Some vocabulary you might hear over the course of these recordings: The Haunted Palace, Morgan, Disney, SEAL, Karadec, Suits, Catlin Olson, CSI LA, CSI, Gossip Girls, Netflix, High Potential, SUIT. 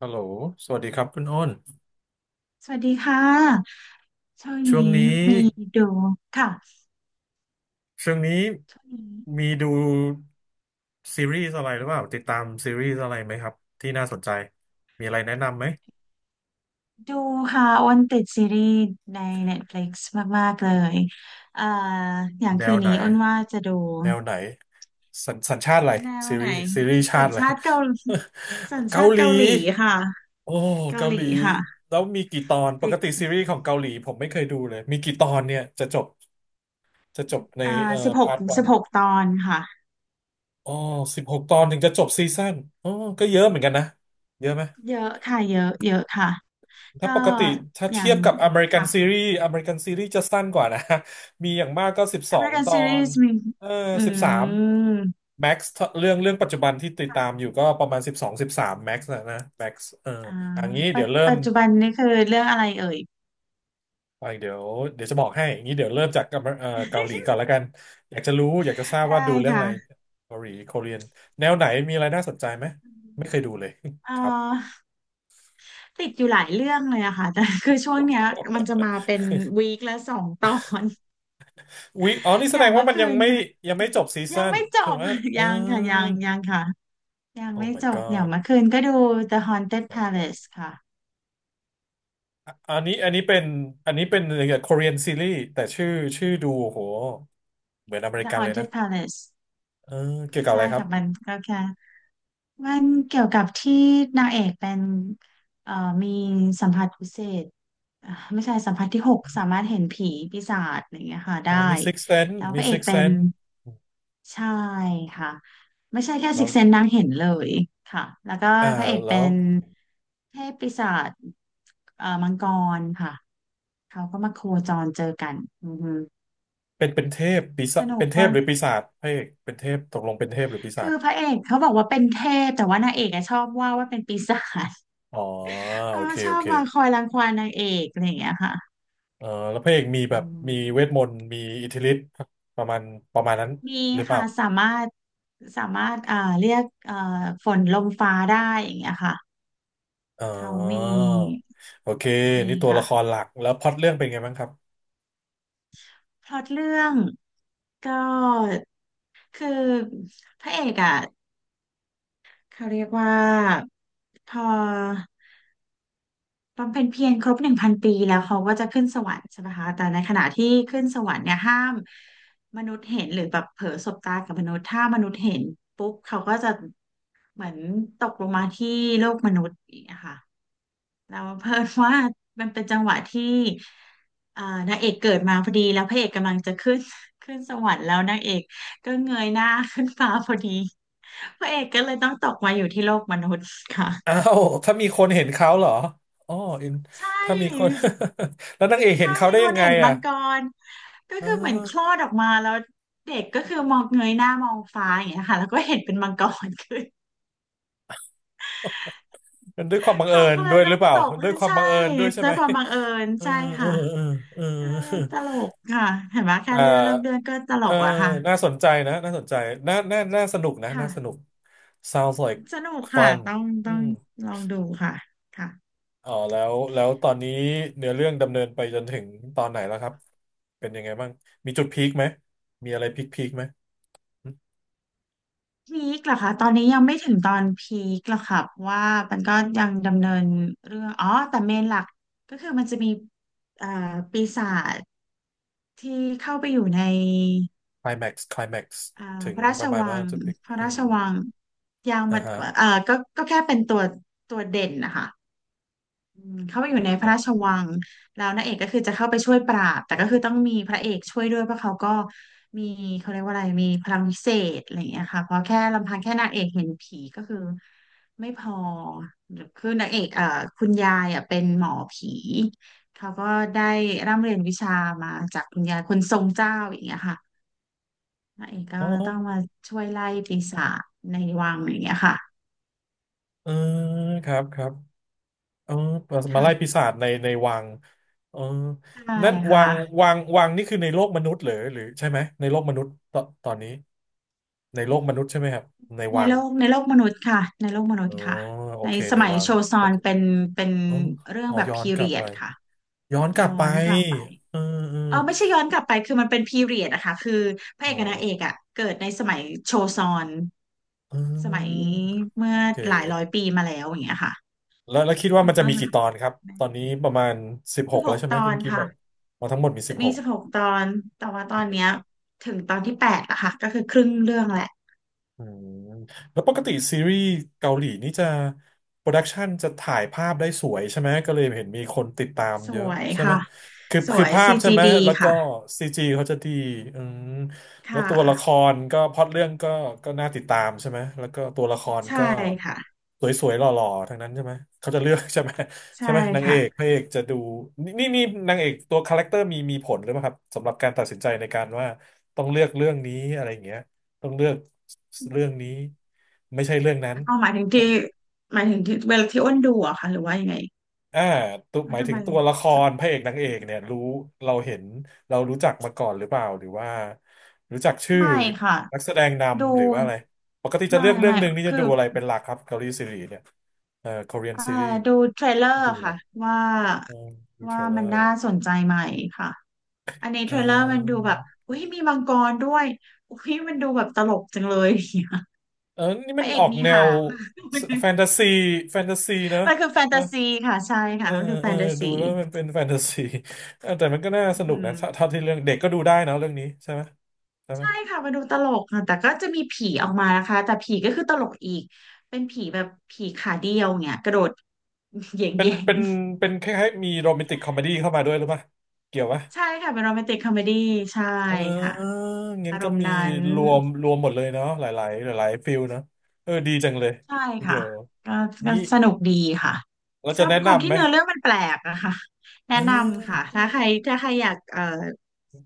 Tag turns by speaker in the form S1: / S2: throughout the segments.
S1: ฮัลโหลสวัสดีครับคุณอ้น
S2: สวัสดีค่ะ ช่วง
S1: ช่วง
S2: นี้
S1: นี้
S2: มีดูค่ะ
S1: ช่วงนี้
S2: ช่วงนี้
S1: มีดูซีรีส์อะไรหรือเปล่าติดตามซีรีส์อะไรไหมครับที่น่าสนใจมีอะไรแนะนำไหม
S2: ดูค่ะอ้นติดซีรีส์ใน Netflix มากๆเลยเอ่ออย่าง
S1: แน
S2: คื
S1: ว
S2: น
S1: ไหน
S2: นี้อ้นว่าจะดู
S1: แนวไหนสัญชาติอะไร
S2: แนว
S1: ซี
S2: ไหน
S1: รีส์ซีรีส์
S2: สั
S1: ชาติ
S2: ญ
S1: อะไร
S2: ชาติเกาหลีสัญ
S1: เกา
S2: ชาติ
S1: หลี
S2: เกาหลีค่ะ
S1: โอ้
S2: เกา
S1: เกา
S2: หลี
S1: หลี
S2: ค่ะ
S1: แล้วมีกี่ตอนป
S2: ติ
S1: กติซี
S2: ด
S1: รีส์ของเกาหลีผมไม่เคยดูเลยมีกี่ตอนเนี่ยจะจบใน
S2: เอ่อสิบหก
S1: พาร์ทวั
S2: สิ
S1: น
S2: บหกตอนค่ะ
S1: อ๋อสิบหกตอนถึงจะจบซีซั่นอ๋อก็เยอะเหมือนกันนะเยอะไหม
S2: เยอะค่ะเยอะเยอะค่ะ
S1: ถ้า
S2: ก็
S1: ปกติถ้า
S2: อย่า
S1: เทีย
S2: ง
S1: บกับอเมริกัน
S2: ค่ะ
S1: ซีรีส์อเมริกันซีรีส์จะสั้นกว่านะ มีอย่างมากก็12
S2: American
S1: ตอน
S2: Series มี
S1: เออ
S2: อื
S1: สิบสาม
S2: ม
S1: แม็กซ์เรื่องปัจจุบันที่ติดตามอยู่ก็ประมาณสิบสองสิบสามแม็กซ์นะแม็กซ์เออ
S2: อ่า
S1: อันนี้
S2: ปัจจุบันนี่คือเรื่องอะไรเอ่ย
S1: ไปเดี๋ยวเดี๋ยวจะบอกให้อย่างนี้เดี๋ยวเริ่มจากเกาหลีก่อน แล้วกันอยากจะรู้อยากจะทราบ
S2: ได้
S1: ว่าดูเรื่องอะไร
S2: ค่ะ
S1: เกาหลีโคเรียนแนวไหนมีอะไรน่าสนใจไหมไม่เคยดูเลย
S2: เอ่
S1: ครับ
S2: อติดอยู่หลายเรื่องเลยอะค่ะแต่ คือช่วงเนี้ยมันจะมาเป็ นวีคละ2 ตอน
S1: อ๋อนี่ แส
S2: อ
S1: ด
S2: ย่าง
S1: งว่า
S2: เมื่อ
S1: มัน
S2: คื
S1: ยัง
S2: น
S1: ไม่
S2: ก็
S1: ยังไม่จบซี
S2: ยั
S1: ซั่
S2: ง
S1: น
S2: ไม่จ
S1: ถึง
S2: บ
S1: ว่าเอ อ
S2: ยังค่ะยังยังค่ะยัง
S1: โอ้
S2: ไม่
S1: my
S2: จบอย่าง
S1: god
S2: เมื่อคืนก็ดู The Haunted
S1: สองตอน
S2: Palace ค่ะ
S1: อะอันนี้เป็นเกี่ยวกับ Korean ซีรีส์แต่ชื่อดูโหเหมือนอเมริ
S2: The
S1: กันเลยนะ
S2: Haunted Palace
S1: เออเกี่ยวกับอะ
S2: ใช่
S1: ไรครับ
S2: ค่ะมันก็แค่ มันเกี่ยวกับที่นางเอกเป็นเอ่อมีสัมผัสพิเศษ ไม่ใช่สัมผัสที่หกสามารถเห็นผีปีศาจอะไรอย่างเงี้ยค่ะ
S1: อ๋อ
S2: ได้
S1: มี Six Sense
S2: แล้วพ
S1: มี
S2: ระเอก
S1: Six
S2: เป็น
S1: Sense อืม
S2: ใช่ค่ะไม่ใช่แค่
S1: แล้
S2: ซิก
S1: ว
S2: เซนนางเห็นเลยค่ะแล้วก็
S1: อ่า
S2: พระเอก
S1: แล้
S2: เป็
S1: ว
S2: นเทพปีศาจมังกรค่ะเขาก็มาโคจรเจอกันอือฮึ
S1: เป็นเทพปีศา
S2: ส
S1: จ
S2: นุ
S1: เป็
S2: ก
S1: นเท
S2: ก็
S1: พหรือปีศาจพระเอกเป็นเทพตกลงเป็นเทพหรือปีศา
S2: คื
S1: จ
S2: อพระเอกเขาบอกว่าเป็นเทพแต่ว่านางเอกอะชอบว่าว่าเป็นปีศาจ
S1: อ๋อ
S2: เอ
S1: โอ
S2: อ
S1: เค
S2: ช
S1: โอ
S2: อบ
S1: เค
S2: บางคอยรังควานนางเอกอะไรอย่างเงี้ยค่ะ
S1: เออแล้วพระเอกมี
S2: อื
S1: แบบ
S2: ม
S1: มีเวทมนต์มีอิทธิฤทธิ์ประมาณประมาณนั้น
S2: มี
S1: หรือเปล่า
S2: ค่ะสามารถเรียกฝนลมฟ้าได้อย่างเงี้ยค่ะ
S1: อ๋อ
S2: เขา
S1: โอเค
S2: มี
S1: นี่ตัวละ
S2: ค่ะ
S1: ครหลักแล้วพล็อตเรื่องเป็นไงบ้างครับ
S2: พล็อตเรื่องก็คือพระเอกอ่ะเขาเรียกว่าพอ บำเพ็ญเพียรครบ1,000 ปีแล้วเขาก็จะขึ้นสวรรค์ใช่ไหมคะแต่ในขณะที่ขึ้นสวรรค์เนี่ยห้ามมนุษย์เห็นหรือแบบเผลอสบตากับมนุษย์ถ้ามนุษย์เห็นปุ๊บเขาก็จะเหมือนตกลงมาที่โลกมนุษย์อย่างเงี้ยค่ะแล้วเพิ่นว่ามัน เป็นจังหวะที่เอ่อนางเอกเกิดมาพอดีแล้วพระเอกกำลังจะขึ้น ขึ้นสวรรค์แล้วนางเอกก็เงยหน้าขึ้นฟ้าพอดี พระเอกก็เลยต้องตกมาอยู่ที่โลกมนุษย์ค่ะ
S1: อ้า วถ้ามีคนเห็นเขาเหรออ๋ออิน
S2: ใช
S1: ถ้ามีคน
S2: ่
S1: แล้วนางเอกเห็น
S2: ถ้า
S1: เขา
S2: มี
S1: ได้
S2: ค
S1: ยั
S2: น
S1: งไง
S2: เห็นมั
S1: อ่ะ
S2: งกรก็
S1: เอ
S2: คือเหมือนคลอ
S1: อ
S2: ดออกมาแล้วเด็กก็คือมองเงยหน้ามองฟ้าอย่างเงี้ยค่ะแล้วก็เห็นเป็นมังกรคือ
S1: เนด้วยความบังเอิ
S2: เขา
S1: ญ
S2: ก็เล
S1: ด้
S2: ย
S1: วยห
S2: ต้อ
S1: รือ
S2: ง
S1: เปล่า
S2: ตก
S1: ด้วยความ
S2: ใช่
S1: บังเอิญด้วยใช่
S2: ด้ว
S1: ไหม
S2: ยความบังเอิญ
S1: เออ
S2: ใช่
S1: เออ
S2: ค่ะ
S1: เออเออ
S2: ก็เลยตลกค่ะเห็นไหม แค่
S1: เอ
S2: เรื่องเริ่ม
S1: อ
S2: เรื่องก็ตล
S1: เออ
S2: กแล้วค่ะ
S1: น่าสนใจนะน่าสนใจน่าสนุกนะ
S2: ค่ะ
S1: น่าสนุก sounds like
S2: สนุกค่ะ
S1: fun
S2: ต้อง
S1: อื
S2: ต้อง
S1: ม
S2: ลองดูค่ะค่ะ
S1: อ๋อแล้วตอนนี้เนื้อเรื่องดำเนินไปจนถึงตอนไหนแล้วครับเป็นยังไงบ้างมีจุดพีคไหมมีอะไรพีคไหม
S2: พีคเหรอคะตอนนี้ยังไม่ถึงตอนพีคหรอกค่ะเพราะว่ามันก็ยังดำเนินเรื่องอ๋อแต่เมนหลักก็คือมันจะมีเอ่อปีศาจ ที่เข้าไปอยู่ใน
S1: คลแม็กซ์
S2: อ่า
S1: ถึ
S2: พ
S1: ง
S2: ระรา
S1: ป
S2: ช
S1: ระมาณ
S2: วั
S1: ว่า
S2: ง
S1: จะไป
S2: พระ
S1: อื
S2: ราช
S1: ม
S2: วังยาง
S1: อ่า
S2: บัด
S1: ฮะ
S2: ก็แค่เป็นตัวเด่นนะคะเข้าไปอยู่ในพ
S1: อ๋
S2: ระราช
S1: อ
S2: วังแล้วนางเอกก็คือจะเข้าไปช่วยปราบ แต่ก็คือต้องมีพระเอกช่วยด้วยเพราะเขาก็มีเขาเรียกว่าอะไรมีพลังพิเศษอะไรอย่างเงี้ยค่ะเพราะแค่ลำพังแค่นางเอกเห็นผีก็คือไม่พอคือนางเอกคุณยายอ่ะเป็นหมอผี เขาก็ได้ร่ำเรียนวิชามาจากคุณยายคนทรงเจ้าอย่างเงี้ยค่ะ พระเอกก็
S1: อ๋อ
S2: ต้องมาช่วยไล่ปีศาจในวังอย่างเงี้ยค่ะ
S1: เออครับครับเออมาไล่ปี
S2: ค่ะ
S1: ศาจในวังเออ
S2: ใช่
S1: นั่นวั
S2: ค่ะ
S1: งวังวังนี่คือในโลกมนุษย์เหรือหรือใช่ไหมในโลกมนุษย์ตอนนี้ในโลกมนุษย์ใช่ไหมครับในวัง
S2: ในโลกมนุษย์ค่ะในโลกมนุษ
S1: อ๋อ
S2: ย์ค่ะ
S1: โอ
S2: ใน
S1: เค
S2: ส
S1: ใน
S2: มัย
S1: วัง
S2: โชซอนเป็นเป็น
S1: อ๋อ
S2: เรื่อ
S1: อ๋
S2: ง
S1: อ
S2: แบบ
S1: ย้อน
S2: พี
S1: กลับ
S2: เรีย
S1: ไป
S2: ดค่ะ
S1: ย้อนกลับ
S2: ย้อ
S1: ไป
S2: นกลับไป
S1: เออเออ
S2: เออไม่ใช่ย้อนกลับไปคือมันเป็นพีเรียดอะค่ะคือพระ
S1: อ๋อ
S2: เอกกับนางเอกอะเกิดในสมัยโชซอน
S1: เ
S2: สมัย
S1: ออ
S2: เมื่อ
S1: โอเ
S2: หลายร้อย
S1: ค
S2: ปีมาแล้วอย่างเงี้ยค่ะ
S1: แล้วคิดว่า
S2: มัน
S1: มันจะ
S2: ก็
S1: มีกี่ตอนครับตอนนี้ประมาณสิบห
S2: สิบ
S1: ก
S2: ห
S1: แล้ว
S2: ก
S1: ใช่ไหม
S2: ตอ
S1: ที่
S2: น
S1: พี่อกี้บ
S2: ค่ะ
S1: อกมาทั้งหมดมีสิบห
S2: มี
S1: ก
S2: สิบหกตอนแต่ว่าตอนเนี้ยถึงตอนที่ 8อะค่ะก็คือครึ่งเรื่องแหละ
S1: อืมแล้วปกติซีรีส์เกาหลีนี่จะโปรดักชันจะถ่ายภาพได้สวยใช่ไหมก็เลยเห็นมีคนติดตาม
S2: ส
S1: เยอะ
S2: วย
S1: ใช่ไหม
S2: ค่ะ
S1: คือ
S2: ส
S1: คื
S2: ว
S1: อ
S2: ย
S1: ภาพใช่ไหม
S2: CGD
S1: แล้วก็
S2: ค่ะ
S1: ซีจีเขาจะดีอืมแล้ว
S2: ค่ะ
S1: ตัวละครก็พล็อตเรื่องก็น่าติดตามใช่ไหมแล้วก็ตัวละคร
S2: ใช่
S1: ก็
S2: ค่ะ
S1: สวยๆหล่อๆทั้งนั้นใช่ไหมเขาจะเลือกใช่ไหม
S2: ใช่
S1: นางเอ
S2: ค่ะ
S1: กพระเอกจะดูนี่นางเอกตัวคาแรคเตอร์มีผลหรือเปล่าครับสำหรับการตัดสินใจในการว่าต้องเลือกเรื่องนี้อะไรอย่างเงี้ย ต้องเลือกเรื่องนี้ไม่ใช่เรื่องนั้น
S2: เอาหมายถึงที่เวลาที่อ้นดูอะค่ะหรือว่ายังไง
S1: อ่าตัวห
S2: ว่า
S1: มาย
S2: ทำ
S1: ถึ
S2: ไม
S1: งตัวละครพระเอกนางเอกเนี่ยรู้เราเห็นเรารู้จักมาก่อนหรือเปล่าหรือว่ารู้จักชื่อ
S2: ไม่ค่ะ
S1: นักแสดง
S2: ดู
S1: นำหรือว่าอะไรปกติจะเลือกเรื่อง
S2: ไม่
S1: หนึ่งนี่จะ
S2: คื
S1: ดู
S2: อ
S1: อะไรเป็นหลักครับเกาหลีซีรีส์เนี่ยคอเรียน
S2: อ่า
S1: ซีรีส์
S2: ดูเทรลเลอ
S1: จะ
S2: ร์
S1: ดูอะไร
S2: ค่ะว่า
S1: อืมดูเทรลเลอ
S2: มัน
S1: ร์
S2: น่าสนใจไหมค่ะอันนี้
S1: เอ
S2: เทรลเลอร์มันดู
S1: อ
S2: แบบอุ้ยมีมังกรด้วยอุ้ยมันดูแบบตลกจังเลย อย่างเงี้ย
S1: เออนี่
S2: พ
S1: มัน
S2: ระเอ
S1: อ
S2: ก
S1: อก
S2: มี
S1: แนว
S2: หาง
S1: แฟนตาซีแฟนตาซีเนอะ
S2: มันคือแฟนตาซีค่ะใช่
S1: เอ
S2: ค่ะ
S1: อ
S2: มันคือแฟ
S1: เออ
S2: นตาซี
S1: ดูแล้วมันเป็นแฟนตาซีเอ อแต่มันก็น่า
S2: อื
S1: ส
S2: อ
S1: นุก
S2: หือ
S1: นะถ้าเท่าที่เรื่องเด็กก็ดูได้เนอะเรื่องนี้ใช่ไหมใช่ไหม
S2: ใช่ค่ะมันดูตลกค่ะแต่ก็จะมีผีออกมานะคะแต่ผีก็คือตลกอีกเป็นผีแบบผีขาเดียวเนี่ยกระโดด เหย
S1: เป็น
S2: ่ง
S1: เป็นเป็นคล้ายๆมีโรแมนติกคอมเมดี้เข้ามาด้วยหรือเปล่าเกี่ยวปะ
S2: ๆใช่ค่ะเป็นโรแมนติกคอมเมดี้ใช่
S1: เ
S2: ค่ะ
S1: อองั้น
S2: อาร
S1: ก็
S2: มณ์
S1: มี
S2: นั้น
S1: รวมหมดเลยเนาะหลายๆหลายๆฟิลเนาะเออดีจังเลย
S2: ใช่
S1: ทีเดี
S2: ค่ะ
S1: ยว
S2: ก็
S1: งี้
S2: สนุกดีค่ะ
S1: เรา
S2: ช
S1: จะ
S2: อบ
S1: แนะ
S2: ความ
S1: นำ
S2: ที่
S1: ไหม
S2: เนื้อเรื่องมันแปลกอะค่ะ
S1: เอ
S2: แนะนำค่ะ
S1: อ
S2: ถ้าใครอยาก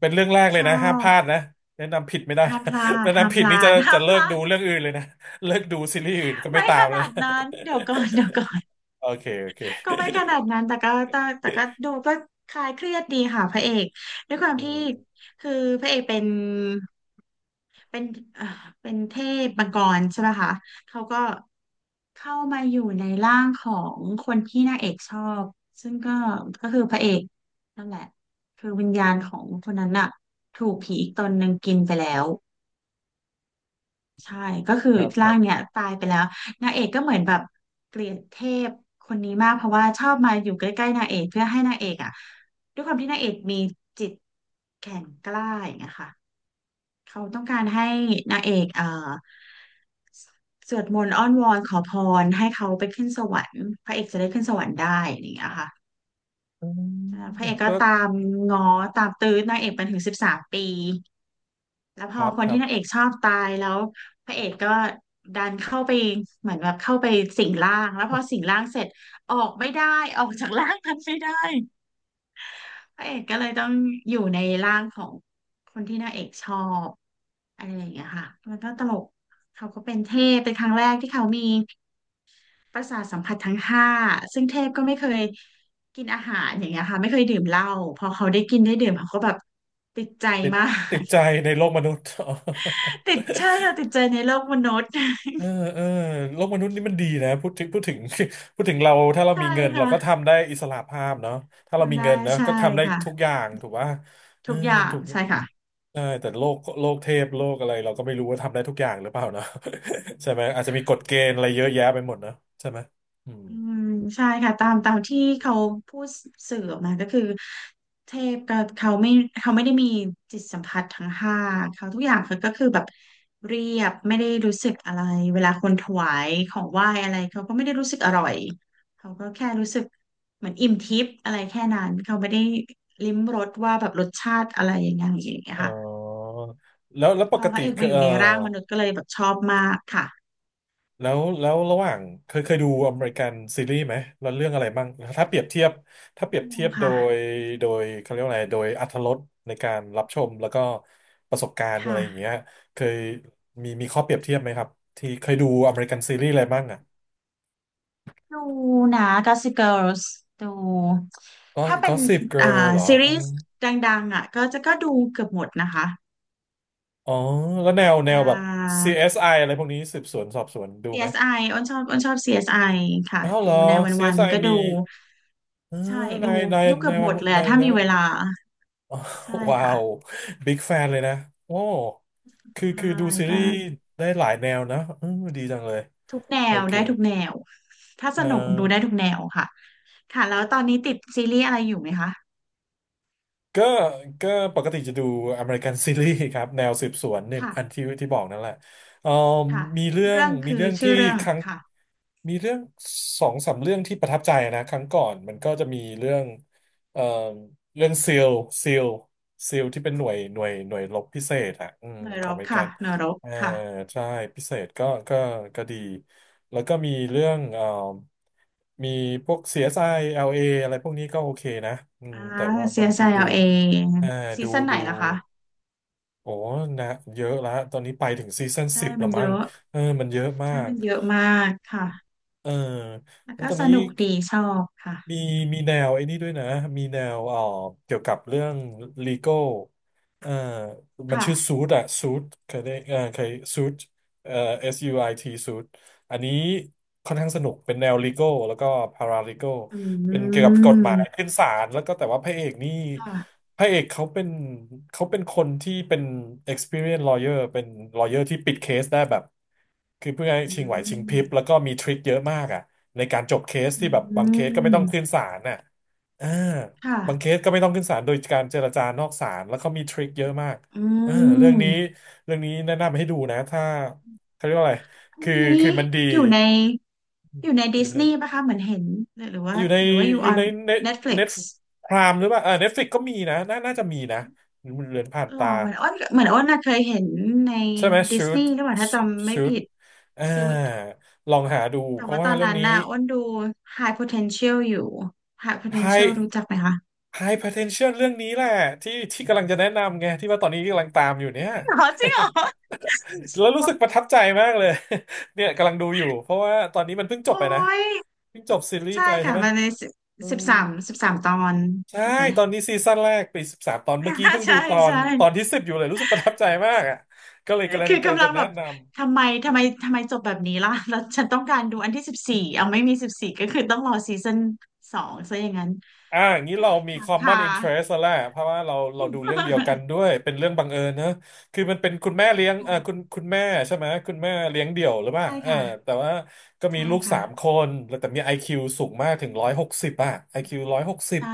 S1: เป็นเรื่องแรกเล
S2: ช
S1: ย
S2: อ
S1: นะห้ามพ
S2: บ
S1: ลาดนะแนะนำผิดไม่ได้
S2: ห้ามพลา
S1: นะแนะ
S2: ดห้าม
S1: นำผิ
S2: พ
S1: ด
S2: ลา
S1: นี่จะ
S2: ด
S1: จะ
S2: ห้าม
S1: เลิ
S2: พ
S1: ก
S2: ลา
S1: ดู
S2: ด
S1: เรื่องอื่นเลยนะเลิกดูซีรีส์อื่นก็ไม่
S2: ไม่
S1: ตา
S2: ข
S1: มแล้
S2: นา
S1: ว
S2: ด
S1: นะ
S2: นั้นเดี๋ยวก่อน เดี๋ยวก่อน
S1: โอเคโอเค
S2: ก็ไม่ขนาดนั้นแต่ก็ดูก็คลายเครียดดีค่ะพระเอกด้วยควา ม
S1: อื
S2: ที่
S1: ม
S2: คือพระเอกเป็นเอ่อเป็นเทพมังกรใช่ไหมคะเขาก็ เข้ามาอยู่ในร่างของคนที่นางเอกชอบซึ่งก็คือพระเอกนั่นแหละคือวิญญาณของคนนั้นน่ะถูกผีอีกตนหนึ่งกินไปแล้วใช่ก็คือ
S1: ครับค
S2: ร่า
S1: รับ
S2: งเนี่ยตายไปแล้วนางเอกก็เหมือนแบบเกลียดเทพคนนี้มากเพราะว่าชอบมาอยู่ใกล้ๆนางเอกเพื่อให้นางเอกอ่ะด้วยความที่นางเอกมีจิตแข็งกล้าอย่างเงี้ยค่ะ เขาต้องการให้นางเอกสวดมนต์อ้อนวอนขอพรให้เขาไปขึ้นสวรรค์พระเอกจะได้ขึ้นสวรรค์ได้อะไรอย่างเงี้ยค่ะ
S1: อืม
S2: พระเอกก็
S1: ก็
S2: ตามง้อตามตื้อนางเอกเป็นถึง13 ปีแล้วพ
S1: ค
S2: อ
S1: รับ
S2: ค
S1: ค
S2: น
S1: รั
S2: ที่
S1: บ
S2: นางเอกชอบตายแล้วพระเอกก็ดันเข้าไปเหมือนแบบเข้าไปสิงร่างแล้วพอสิงร่างเสร็จออกไม่ได้ออกจากร่างนั้นไม่ได้ พระเอกก็เลยต้องอยู่ในร่างของคนที่นางเอกชอบอะไรอย่างเงี้ยค่ะมันก็ตลกเขาก็เป็นเทพเป็นครั้งแรกที่เขามีประสาทสัมผัสทั้งห้าซึ่งเทพก็ไม่เคยกินอาหารอย่างเงี้ยค่ะไม่เคยดื่มเหล้าพอเขาได้กินได้ดื่มเขาก็แบบติดใจ
S1: ติด
S2: มา
S1: ติ
S2: ก
S1: ดใจในโลกมนุษย์
S2: ติดใช่ค่ะติดใจในโลกมนุษย์
S1: เออเออโลกมนุษย์นี่มันดีนะพูดถึง พูดถึงเราถ้าเรา
S2: ใช่
S1: มีเงินเรา
S2: ค่ะ
S1: ก็ทำได้อิสระภาพเนาะถ้าเรามี
S2: ทำได้
S1: เงินนะ
S2: ใช่
S1: ก็ทำได้ทุกอ
S2: ค่ะ
S1: ย่างถูกป่ะเออ
S2: ทุกอย่าง
S1: ถูก
S2: ใช่ค่ะ
S1: ใช่แต่โลกเทพโลกอะไรเราก็ไม่รู้ว่าทำได้ทุกอย่างหรือเปล่าเนาะ ใช่ไหมอาจจะมีกฎเกณฑ์อะไรเยอะแยะไปหมดนะใช่ไหมอืม
S2: อืมใช่ค่ะตามที่เขาพูดสื่อออกมาก็คือเทพก็เขาไม่ได้มีจิตสัมผัสทั้งห้าเขาทุกอย่างเขาก็คือแบบเรียบไม่ได้รู้สึกอะไรเวลาคนถวายของไหว้อะไรเขาก็ไม่ได้รู้สึกอร่อยเขาก็แค่รู้สึกเหมือนอิ่มทิพย์อะไรแค่นั้นเขาไม่ได้ลิ้มรสว่าแบบรสชาติอะไรอย่างเงี้ยอย่างเงี้ย
S1: เอ
S2: ค่ะ
S1: อแล้วป
S2: พอ
S1: ก
S2: พ
S1: ติ
S2: ระเอกมาอ
S1: เออ
S2: ยู่ในร่างมนุษย์ก็เลยแบบชอบมากค่ะ
S1: แล้วระหว่างเคยดูอเมริกันซีรีส์ไหมแล้วเรื่องอะไรบ้างถ้าเปรียบเทียบถ้าเปรี
S2: ดู
S1: ยบเทียบ
S2: ค่ะ
S1: ยโดยเขาเรียกว่าอะไรโดยอรรถรสในการรับชมแล้วก็ประสบการ
S2: ค
S1: ณ์อะไรอย่างเงี้ย
S2: ่ะ
S1: เคยมีข้อเปรียบเทียบไหมครับที่เคยดูอเมริกันซีรีส์อะไรบ้างอ่ะ
S2: ดูนะ Gossip Girls ดู
S1: ก็
S2: ถ้าเป็
S1: ก็
S2: น
S1: สิบเกิ
S2: อ่า
S1: ร์ลเหรอ
S2: ซี
S1: อ๋อ
S2: รีส์ดังๆอ่ะก็จะก็ดูเกือบหมดนะคะ
S1: อ๋อแล้วแนวแน
S2: อ่
S1: วแบบ
S2: า
S1: ซี i อสไออะไรพวกนี้สืบสวนสอบสวนดู
S2: ซี
S1: ไหม
S2: เอสไออ้นชอบ CSI ค่ะ
S1: อ้าวเหร
S2: ดู
S1: อ
S2: ใน
S1: ซีเอ
S2: วั
S1: ส
S2: น
S1: s อ
S2: ๆก็
S1: มี
S2: ดู
S1: เออ
S2: ใช่ดู
S1: นายนาย
S2: ดูเกือ
S1: นา
S2: บ
S1: ย
S2: ห
S1: วั
S2: ม
S1: น
S2: ดเลย
S1: นา
S2: อะ
S1: ย
S2: ถ้า
S1: เล
S2: มีเวลาใช่
S1: ว้า
S2: ค่ะ
S1: วบิ๊กแฟนเลยนะโอ้คือ
S2: ใช่
S1: คือดูซี
S2: ก็
S1: รีส์ได้หลายแนวนะอืมดีจังเลย
S2: ทุกแน
S1: โอ
S2: ว
S1: เค
S2: ได้ทุกแนวถ้าส
S1: เอ่อ
S2: นุกดูได้ทุกแนวค่ะค่ะแล้วตอนนี้ติดซีรีส์อะไรอยู่ไหมคะ
S1: ก็ก็ปกติจะดูอเมริกันซีรีส์ครับแนวสืบสวนเนี่ยอัน
S2: ค่ะ
S1: ที่บอกนั่นแหละเอ่อ
S2: ค่ะ
S1: มีเรื่อ
S2: เรื่
S1: ง
S2: อง
S1: มี
S2: คือ
S1: เรื่อง
S2: ชื่
S1: ที่
S2: อเรื่อง
S1: ครั้ง
S2: ค่ะ
S1: มีเรื่องสองสามเรื่องที่ประทับใจนะครั้งก่อนมันก็จะมีเรื่องเอ่อเรื่องซีลซีลที่เป็นหน่วยรบพิเศษอ่ะอืม
S2: เน
S1: ข
S2: ร
S1: องอ
S2: ก
S1: เมริกั
S2: ค่ะ
S1: น
S2: เนรก
S1: เออ
S2: ค่ะ
S1: ใช่พิเศษก็ดีแล้วก็มีเรื่องมีพวก CSI LA อสไอแอลเออะไรพวกนี้ก็โอเคนะอืม
S2: อ่า
S1: แต่ว่าบางทีดู
S2: CSL เอง
S1: เอา
S2: ซี
S1: ดู
S2: ซั่นไหน
S1: ดู
S2: ล่ะคะ
S1: โอ้นะเยอะละตอนนี้ไปถึงซีซั่น
S2: ใช่
S1: สิบ
S2: มั
S1: ละ
S2: นเย
S1: มั้ง
S2: อะ
S1: เออมันเยอะมา
S2: ใช่
S1: ก
S2: มันเยอะมากค่ะ
S1: เออ
S2: แล้ว
S1: แล้ว
S2: ก็
S1: ตอน
S2: ส
S1: นี้
S2: นุกดีชอบค่ะ
S1: มีมีแนวไอ้นี่ด้วยนะ มีแนวเกี่ยวกับเรื่อง legal เอ่อมันชื่อซู
S2: ค่ะ
S1: ทอะซูทเคยได้เคยซูทเอ่อ S U I T ซูทอันนี้ค่อนข้างสนุกเป็นแนว legal แล้วก็ paralegal
S2: อ
S1: เป็น
S2: ื
S1: เกี่ยวกับกฎหมาย
S2: ม
S1: ขึ้นศาลแล้วก็แต่ว่า
S2: ค่ะ
S1: พระเอกเขาเป็นคนที่เป็น experience lawyer เป็น lawyer ที่ปิดเคสได้แบบคือเพื่อให้
S2: อื
S1: ชิงไหวชิงพริบแล้ว
S2: ม
S1: ก็มีทริคเยอะมากอ่ะในการจบเคส
S2: อ
S1: ที่แบบบาง
S2: ื
S1: เคสก็ไม่ต้องขึ้น
S2: ม
S1: ศาลน่ะอ่า
S2: ค่ะ
S1: บางเคสก็ไม่ต้องขึ้นศาลโดยการเจรจานอกศาลแล้วเขามีทริคเยอะมาก
S2: อื
S1: อ่า
S2: ม
S1: เรื่องนี้แนะนำให้ดูนะถ้าเขาเรียกว่าอะไร
S2: อัน
S1: คือ
S2: นี้
S1: คือ
S2: นี่
S1: มันดี
S2: อยู่ในอยู่ใน
S1: อ
S2: ดิ
S1: ยู่
S2: ส
S1: ใน
S2: นีย์ปะคะเหมือนเห็นหรือหรือว่า
S1: อยู่ใน
S2: หรือว่าอยู่
S1: อยู่ใน
S2: on
S1: เน็ตเน็
S2: Netflix
S1: ตพรามหรือเปล่าเออเน็ตฟลิกก็มีนะน่าจะมีนะเหลือนผ่าน
S2: หรอ
S1: ตา
S2: เหมือนอ้นน่ะเคยเห็นใน
S1: ใช่ไหม
S2: ดิสนีย์หรือเปล่าถ้าจำไม่
S1: ชูด
S2: ผิด
S1: อ่า
S2: Suits
S1: ลองหาดู
S2: แต่
S1: เพราะ
S2: ว่าต
S1: ว่า
S2: อน
S1: เรื่อง
S2: นั้น
S1: นี้
S2: น่ะอ้นดู High Potential อยู่ High Potential
S1: high
S2: รู้จักไหมคะ
S1: high potential เรื่องนี้แหละที่กำลังจะแนะนำไงที่ว่าตอนนี้กำลังตามอยู่เนี่ย
S2: จริงเหรอจริงเหรอ
S1: แล้วรู้สึกประทับใจมากเลย เนี่ยกำลังดูอยู่เพราะว่าตอนนี้มันเพิ่งจบ
S2: โอ้
S1: ไปนะ
S2: ย
S1: เพิ่งจบซีรีส์
S2: ใช่
S1: ไปใช่
S2: ค่ะ
S1: ไหม
S2: มันใน
S1: อื
S2: สิบ
S1: ม
S2: สามสิบสามตอน
S1: ใช่
S2: ถูกไหม
S1: ตอนนี้ซีซั่นแรกปี13 ตอนเมื่อกี้เพิ่ งดู
S2: ใช่ใช่
S1: ตอนที่ 10อยู่เลยรู้สึกประทับใจมากอ่ะก็เลย
S2: คือ
S1: กำลัง
S2: กำลั
S1: จะ
S2: งแบ
S1: แนะ
S2: บ
S1: นำ
S2: ทำไมทำไมทำไมจบแบบนี้ล่ะแล้วฉันต้องการดูอันที่สิบสี่เอาไม่มีสิบสี่ก็คือต้องรอซีซั่นสองซะอย่างนั้น
S1: อ่าอย่างนี้
S2: ค
S1: เรามี
S2: ่ะค่ะ
S1: common interest แล้วแหละเพราะว่าเราดูเรื่องเดียวกันด้ว ยเป็นเรื่องบังเอิญนะคือมันเป็นคุณแม่เลี้ยงเออคุณแม่ใช่ไหมคุณแม่เลี้ยงเดี่ยวหรือเปล่า
S2: ใช่
S1: เออ
S2: ค่ะ
S1: แต่ว่าก็มี
S2: ใช่
S1: ลูกสา
S2: ค่ะ
S1: มคนแล้วแต่มี IQ สูงมากถึง160อ่ะ IQ ร้อยหกสิบ
S2: ใช่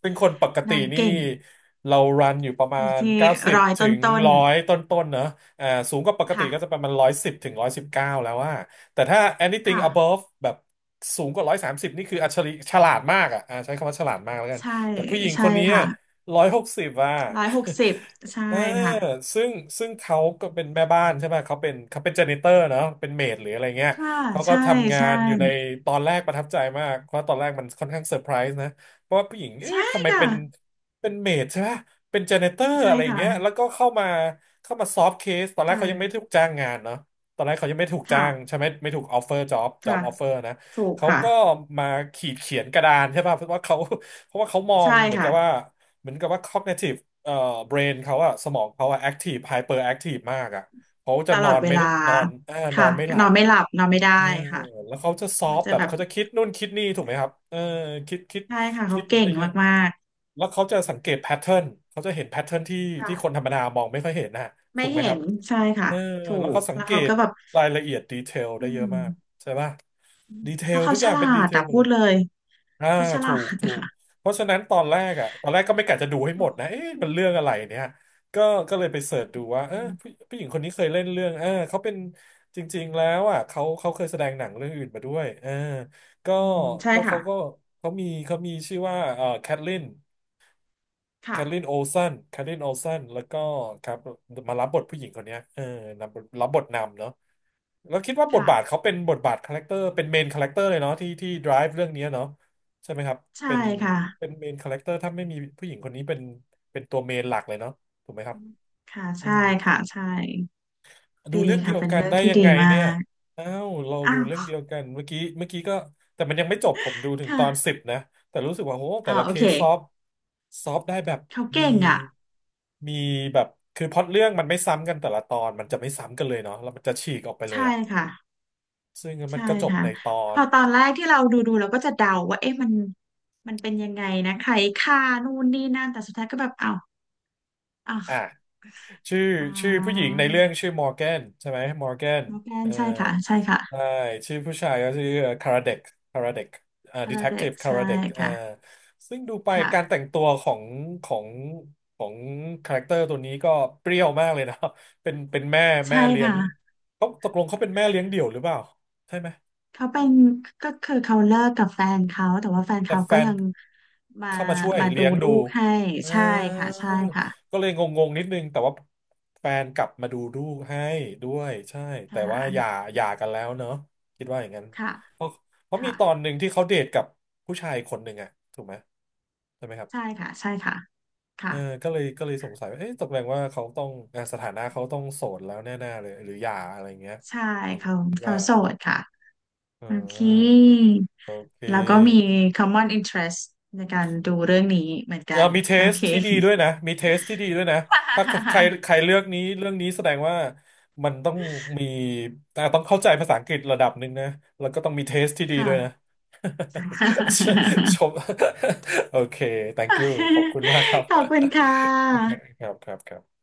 S1: ซึ่งคนปกติ
S2: นาง
S1: นี่
S2: เก่ง
S1: เรารันอยู่ประมา
S2: อยู่
S1: ณ
S2: ที่
S1: 90
S2: ร้อย
S1: ถึงหนึ่
S2: ต้
S1: ง
S2: น
S1: ร้อยต้นๆเนอะอ่าสูงกว่าปก
S2: ๆ
S1: ติ
S2: ค่ะ
S1: ก็จะประมาณหนึ่งร้อยสิบถึง119แล้วว่า แต่ถ้า anything
S2: ค่ะ
S1: above แบบสูงกว่า130นี่คืออัจฉริฉลาดมากอ่ะอ่าใช้คำว่าฉลาดมากแล้วกัน
S2: ใช่
S1: แต่ผู้หญิงค
S2: ใช่
S1: นนี้
S2: ค่ะ
S1: ร้อยหกสิบอ่ะ
S2: 160ใช่
S1: เออ
S2: ค่ะ
S1: ซึ่งซึ่งเขาก็เป็นแม่บ้านใช่ไหมเขาเป็นเจเนเตอร์เนาะเป็นเมดหรืออะไรเงี้ย
S2: ค่ะ
S1: เขาก็
S2: ใช่
S1: ทำงา
S2: ใช่
S1: นอยู่ในตอนแรกประทับใจมากเพราะตอนแรกมันค่อนข้างเซอร์ไพรส์นะเพราะว่าผู้หญิง
S2: ใช่
S1: เอ๊ะทำไม
S2: ค่ะ
S1: เป็นเมดใช่ไหมเป็นเจเนเตอร์
S2: ใช่
S1: อะไร
S2: ค่ะ
S1: เงี้ยแล้วก็เข้ามาซอฟต์เคสตอนแรกเขายังไม่
S2: ค่ะ
S1: ได้ถูกจ้างงานเนาะ ตอนแรกเขายังไม่ถูกจ้า
S2: ค่ะ
S1: งใช่ไหมไม่ถูกออฟเฟอร์จ็อบ
S2: ค่ะ
S1: ออฟเฟอร์นะ
S2: ถูก
S1: เขา
S2: ค่ะ
S1: ก็มาขีดเขียนกระดานใช่ป่ะเพราะว่าเขามอง
S2: ใช่ค่ะ
S1: เหมือนกับว่า cognitive brain เขาอะสมองเขาอะ active hyper active มากอะเขาจะ
S2: ต
S1: น
S2: ล
S1: อ
S2: อด
S1: น
S2: เว
S1: ไม่
S2: ลา
S1: นอนนอ
S2: ค่ะ
S1: นไม่หลั
S2: นอ
S1: บ
S2: นไม่หลับนอนไม่
S1: เอ
S2: ได้
S1: อ
S2: ค่ะ
S1: แล้วเขาจะซอ
S2: มัน
S1: ฟ
S2: จะ
S1: แบบ
S2: แบบ
S1: เขาจะคิดนู่นคิดนี่ถูกไหมครับเออคิด
S2: ใช่ค่ะ
S1: คิ
S2: เขา
S1: ด
S2: เก่
S1: ได้
S2: ง
S1: เยอะ
S2: มาก
S1: ๆแล้วเขาจะสังเกตแพทเทิร์นเขาจะเห็นแพทเทิร์นที่
S2: ๆค่ะ
S1: ที่คนธรรมดามองไม่ค่อยเห็นนะ
S2: ไม่
S1: ถูกไหม
S2: เห็
S1: ครับ
S2: นใช่
S1: เอ
S2: ค่ะ
S1: อ
S2: ถู
S1: แล้ว
S2: ก
S1: เขาสัง
S2: แล้ว
S1: เก
S2: เขา
S1: ต
S2: ก็แบบ
S1: รายละเอียดดีเทล
S2: อื
S1: ได้เยอะ
S2: ม
S1: มากใช่ป่ะดีเท
S2: เพ
S1: ล
S2: ราะเขา
S1: ทุกอ
S2: ฉ
S1: ย่าง
S2: ลา
S1: เป็นดี
S2: ด
S1: เทล
S2: อะ
S1: หมด
S2: พู
S1: เล
S2: ด
S1: ย
S2: เลย
S1: อ่า
S2: เขาฉลา
S1: ถูก
S2: ด
S1: ถูก
S2: ค่ะ
S1: เพราะฉะนั้นตอนแรกก็ไม่กะจะดูให้หม
S2: ค่ะ
S1: ดนะเอ๊ะมันเรื่องอะไรเนี่ยก็ก็เลยไปเสิร์ชดูว่าเออผู้หญิงคนนี้เคยเล่นเรื่องเออเขาเป็นจริงๆแล้วอ่ะเขาเคยแสดงหนังเรื่องอื่นมาด้วยเออก็
S2: อืมใช่
S1: ก็เขา
S2: ค่ะ
S1: ก็เขามีชื่อว่าแคทลินแค
S2: ค่ะ
S1: ทลินโอลสันแคทลินโอลสันแล้วก็ครับมารับบทผู้หญิงคนเนี้ยเออรับบทนำเนาะ แล้วคิดว่าบท
S2: ค่ะ
S1: บาทเขาเป็นบทบาทคาแรคเตอร์เป็นเมนคาแรคเตอร์เลยเนาะที่ drive เรื่องนี้เนาะใช่ไหมครับ
S2: ใช่
S1: เป็น
S2: ค่ะ
S1: เป็นเมนคาแรคเตอร์ถ้าไม่มีผู้หญิงคนนี้เป็นเป็นตัวเมนหลักเลยเนาะถูกไหมครับ
S2: ค่ะ
S1: อื
S2: ใช่
S1: ม
S2: ค่ะใช่
S1: ดู
S2: ดี
S1: เรื่องเดี
S2: ค่ะ
S1: ยว
S2: เป็น
S1: กัน
S2: เรื่อง
S1: ได้
S2: ที่
S1: ยัง
S2: ดี
S1: ไง
S2: มา
S1: เนี่ย
S2: ก
S1: อ้าวเราดู
S2: อ้าว
S1: เรื่องเดียวกันเมื่อกี้ก็แต่มันยังไม่จบผมดูถึงตอนสิ
S2: ค่ะ
S1: บนะแต่รู้สึกว่าโหแต่
S2: อ่า
S1: ละ
S2: โอ
S1: เค
S2: เค
S1: สซอฟได้แบบ
S2: เขา
S1: มี
S2: เก่งอ่ะ
S1: มีแบบคือพล็อตเรื่องมันไม่ซ้ำกันแต่ละตอนมันจะไม่ซ้ำกันเลยเนาะแล้วมันจะฉีกออกไปเลย
S2: ใช่
S1: อะ
S2: ค่ะ
S1: ซึ่งมัน
S2: ใช่
S1: ก็จบ
S2: ค่ะ
S1: ในตอ
S2: พ
S1: น
S2: อตอนแรกที่เราดูเราก็จะเดาว่าเอ๊ะมันเป็นยังไงนะใครฆ่านู่นนี่นั่นแต่สุดท้ายก็แบบอ้าวอ้าว
S1: อ่ะชื่อ
S2: อ๋อ
S1: ชื่อผู้หญิงในเรื่องชื่อมอร์แกนใช่ไหมมอร์แกน
S2: โมแก
S1: เอ
S2: น
S1: อ
S2: ใช่ค่ะใช่ค่ะ
S1: ใช่ชื่อผู้ชายก็ชื่อคาราเดกคาราเดกอ่า
S2: คา
S1: ดี
S2: รา
S1: เทค
S2: เด็
S1: ที
S2: ก
S1: ฟคา
S2: ใช่
S1: ราเดกอ่า
S2: ค่ะ
S1: ซึ่งดูไปการแต่ง
S2: ค่ะ
S1: ตัวของของคาแรคเตอร์ตัวนี้ก็เปรี้ยวมากเลยนะ เป็น
S2: ใช่
S1: แม่เลี้ย
S2: ค่ะ
S1: งเขาตกลงเขาเป็นแม่เลี้ยงเดี่ยวหรือเปล่าใช่ไหม
S2: เขาเป็นก็คือเขาเลิกกับแฟนเขาแต่ว่าแฟน
S1: แต่
S2: เขา
S1: แฟ
S2: ก็
S1: น
S2: ยังมา
S1: เข้ามาช่วย
S2: มาดู
S1: เลี้ยงดู
S2: ลูกให้
S1: เอ
S2: ใช่ค่ะ
S1: อ
S2: ใช่ค่ะ
S1: ก็เลยงๆนิดนึงแต่ว่าแฟนกลับมาดูกให้ด้วยใช่แต่
S2: ค่
S1: ว่า
S2: ะ
S1: หย่ากันแล้วเนอะคิดว่าอย่างนั้น
S2: ค่ะ
S1: เพราะเพราะมี
S2: ค่ะ
S1: ตอนหนึ่งที่เขาเดทกับผู้ชายคนหนึ่งอะถูกไหมใช่ไหมครับ
S2: ใช่ค่ะใช่ค่ะ
S1: เอ
S2: ค่ะ
S1: อก็เลยสงสัยว่าเอ๊ะตกลงว่าเขาต้องอ่ะสถานะเขาต้องโสดแล้วแน่ๆเลยหรือหย่าอะไรเงี้ย
S2: ใช่
S1: อืม
S2: เขา
S1: คิด
S2: เขา
S1: ว่า
S2: โสดค่ะ
S1: เ
S2: โอเค
S1: ออโอเ
S2: แล้วก็มี
S1: ค
S2: common interest ในการดูเรื่องนี้เหมือน
S1: เอ
S2: กั
S1: อ
S2: น
S1: มีเท
S2: โอ
S1: ส
S2: เค
S1: ที่ดีด้วยนะ มีเทสที่ดีด้วยนะ ถ้าใคร ใครเลือกนี้เรื่องนี้แสดงว่ามันต้องมีแต่ต้องเข้าใจภาษาอังกฤษระดับหนึ่งนะ แล้วก็ต้องมีเทสที่ดี
S2: ค่ะ
S1: ด้วยนะ ชม โอเค thank you ขอบคุณมากครับ
S2: ขอบคุณค่ะ
S1: ครับครับครับ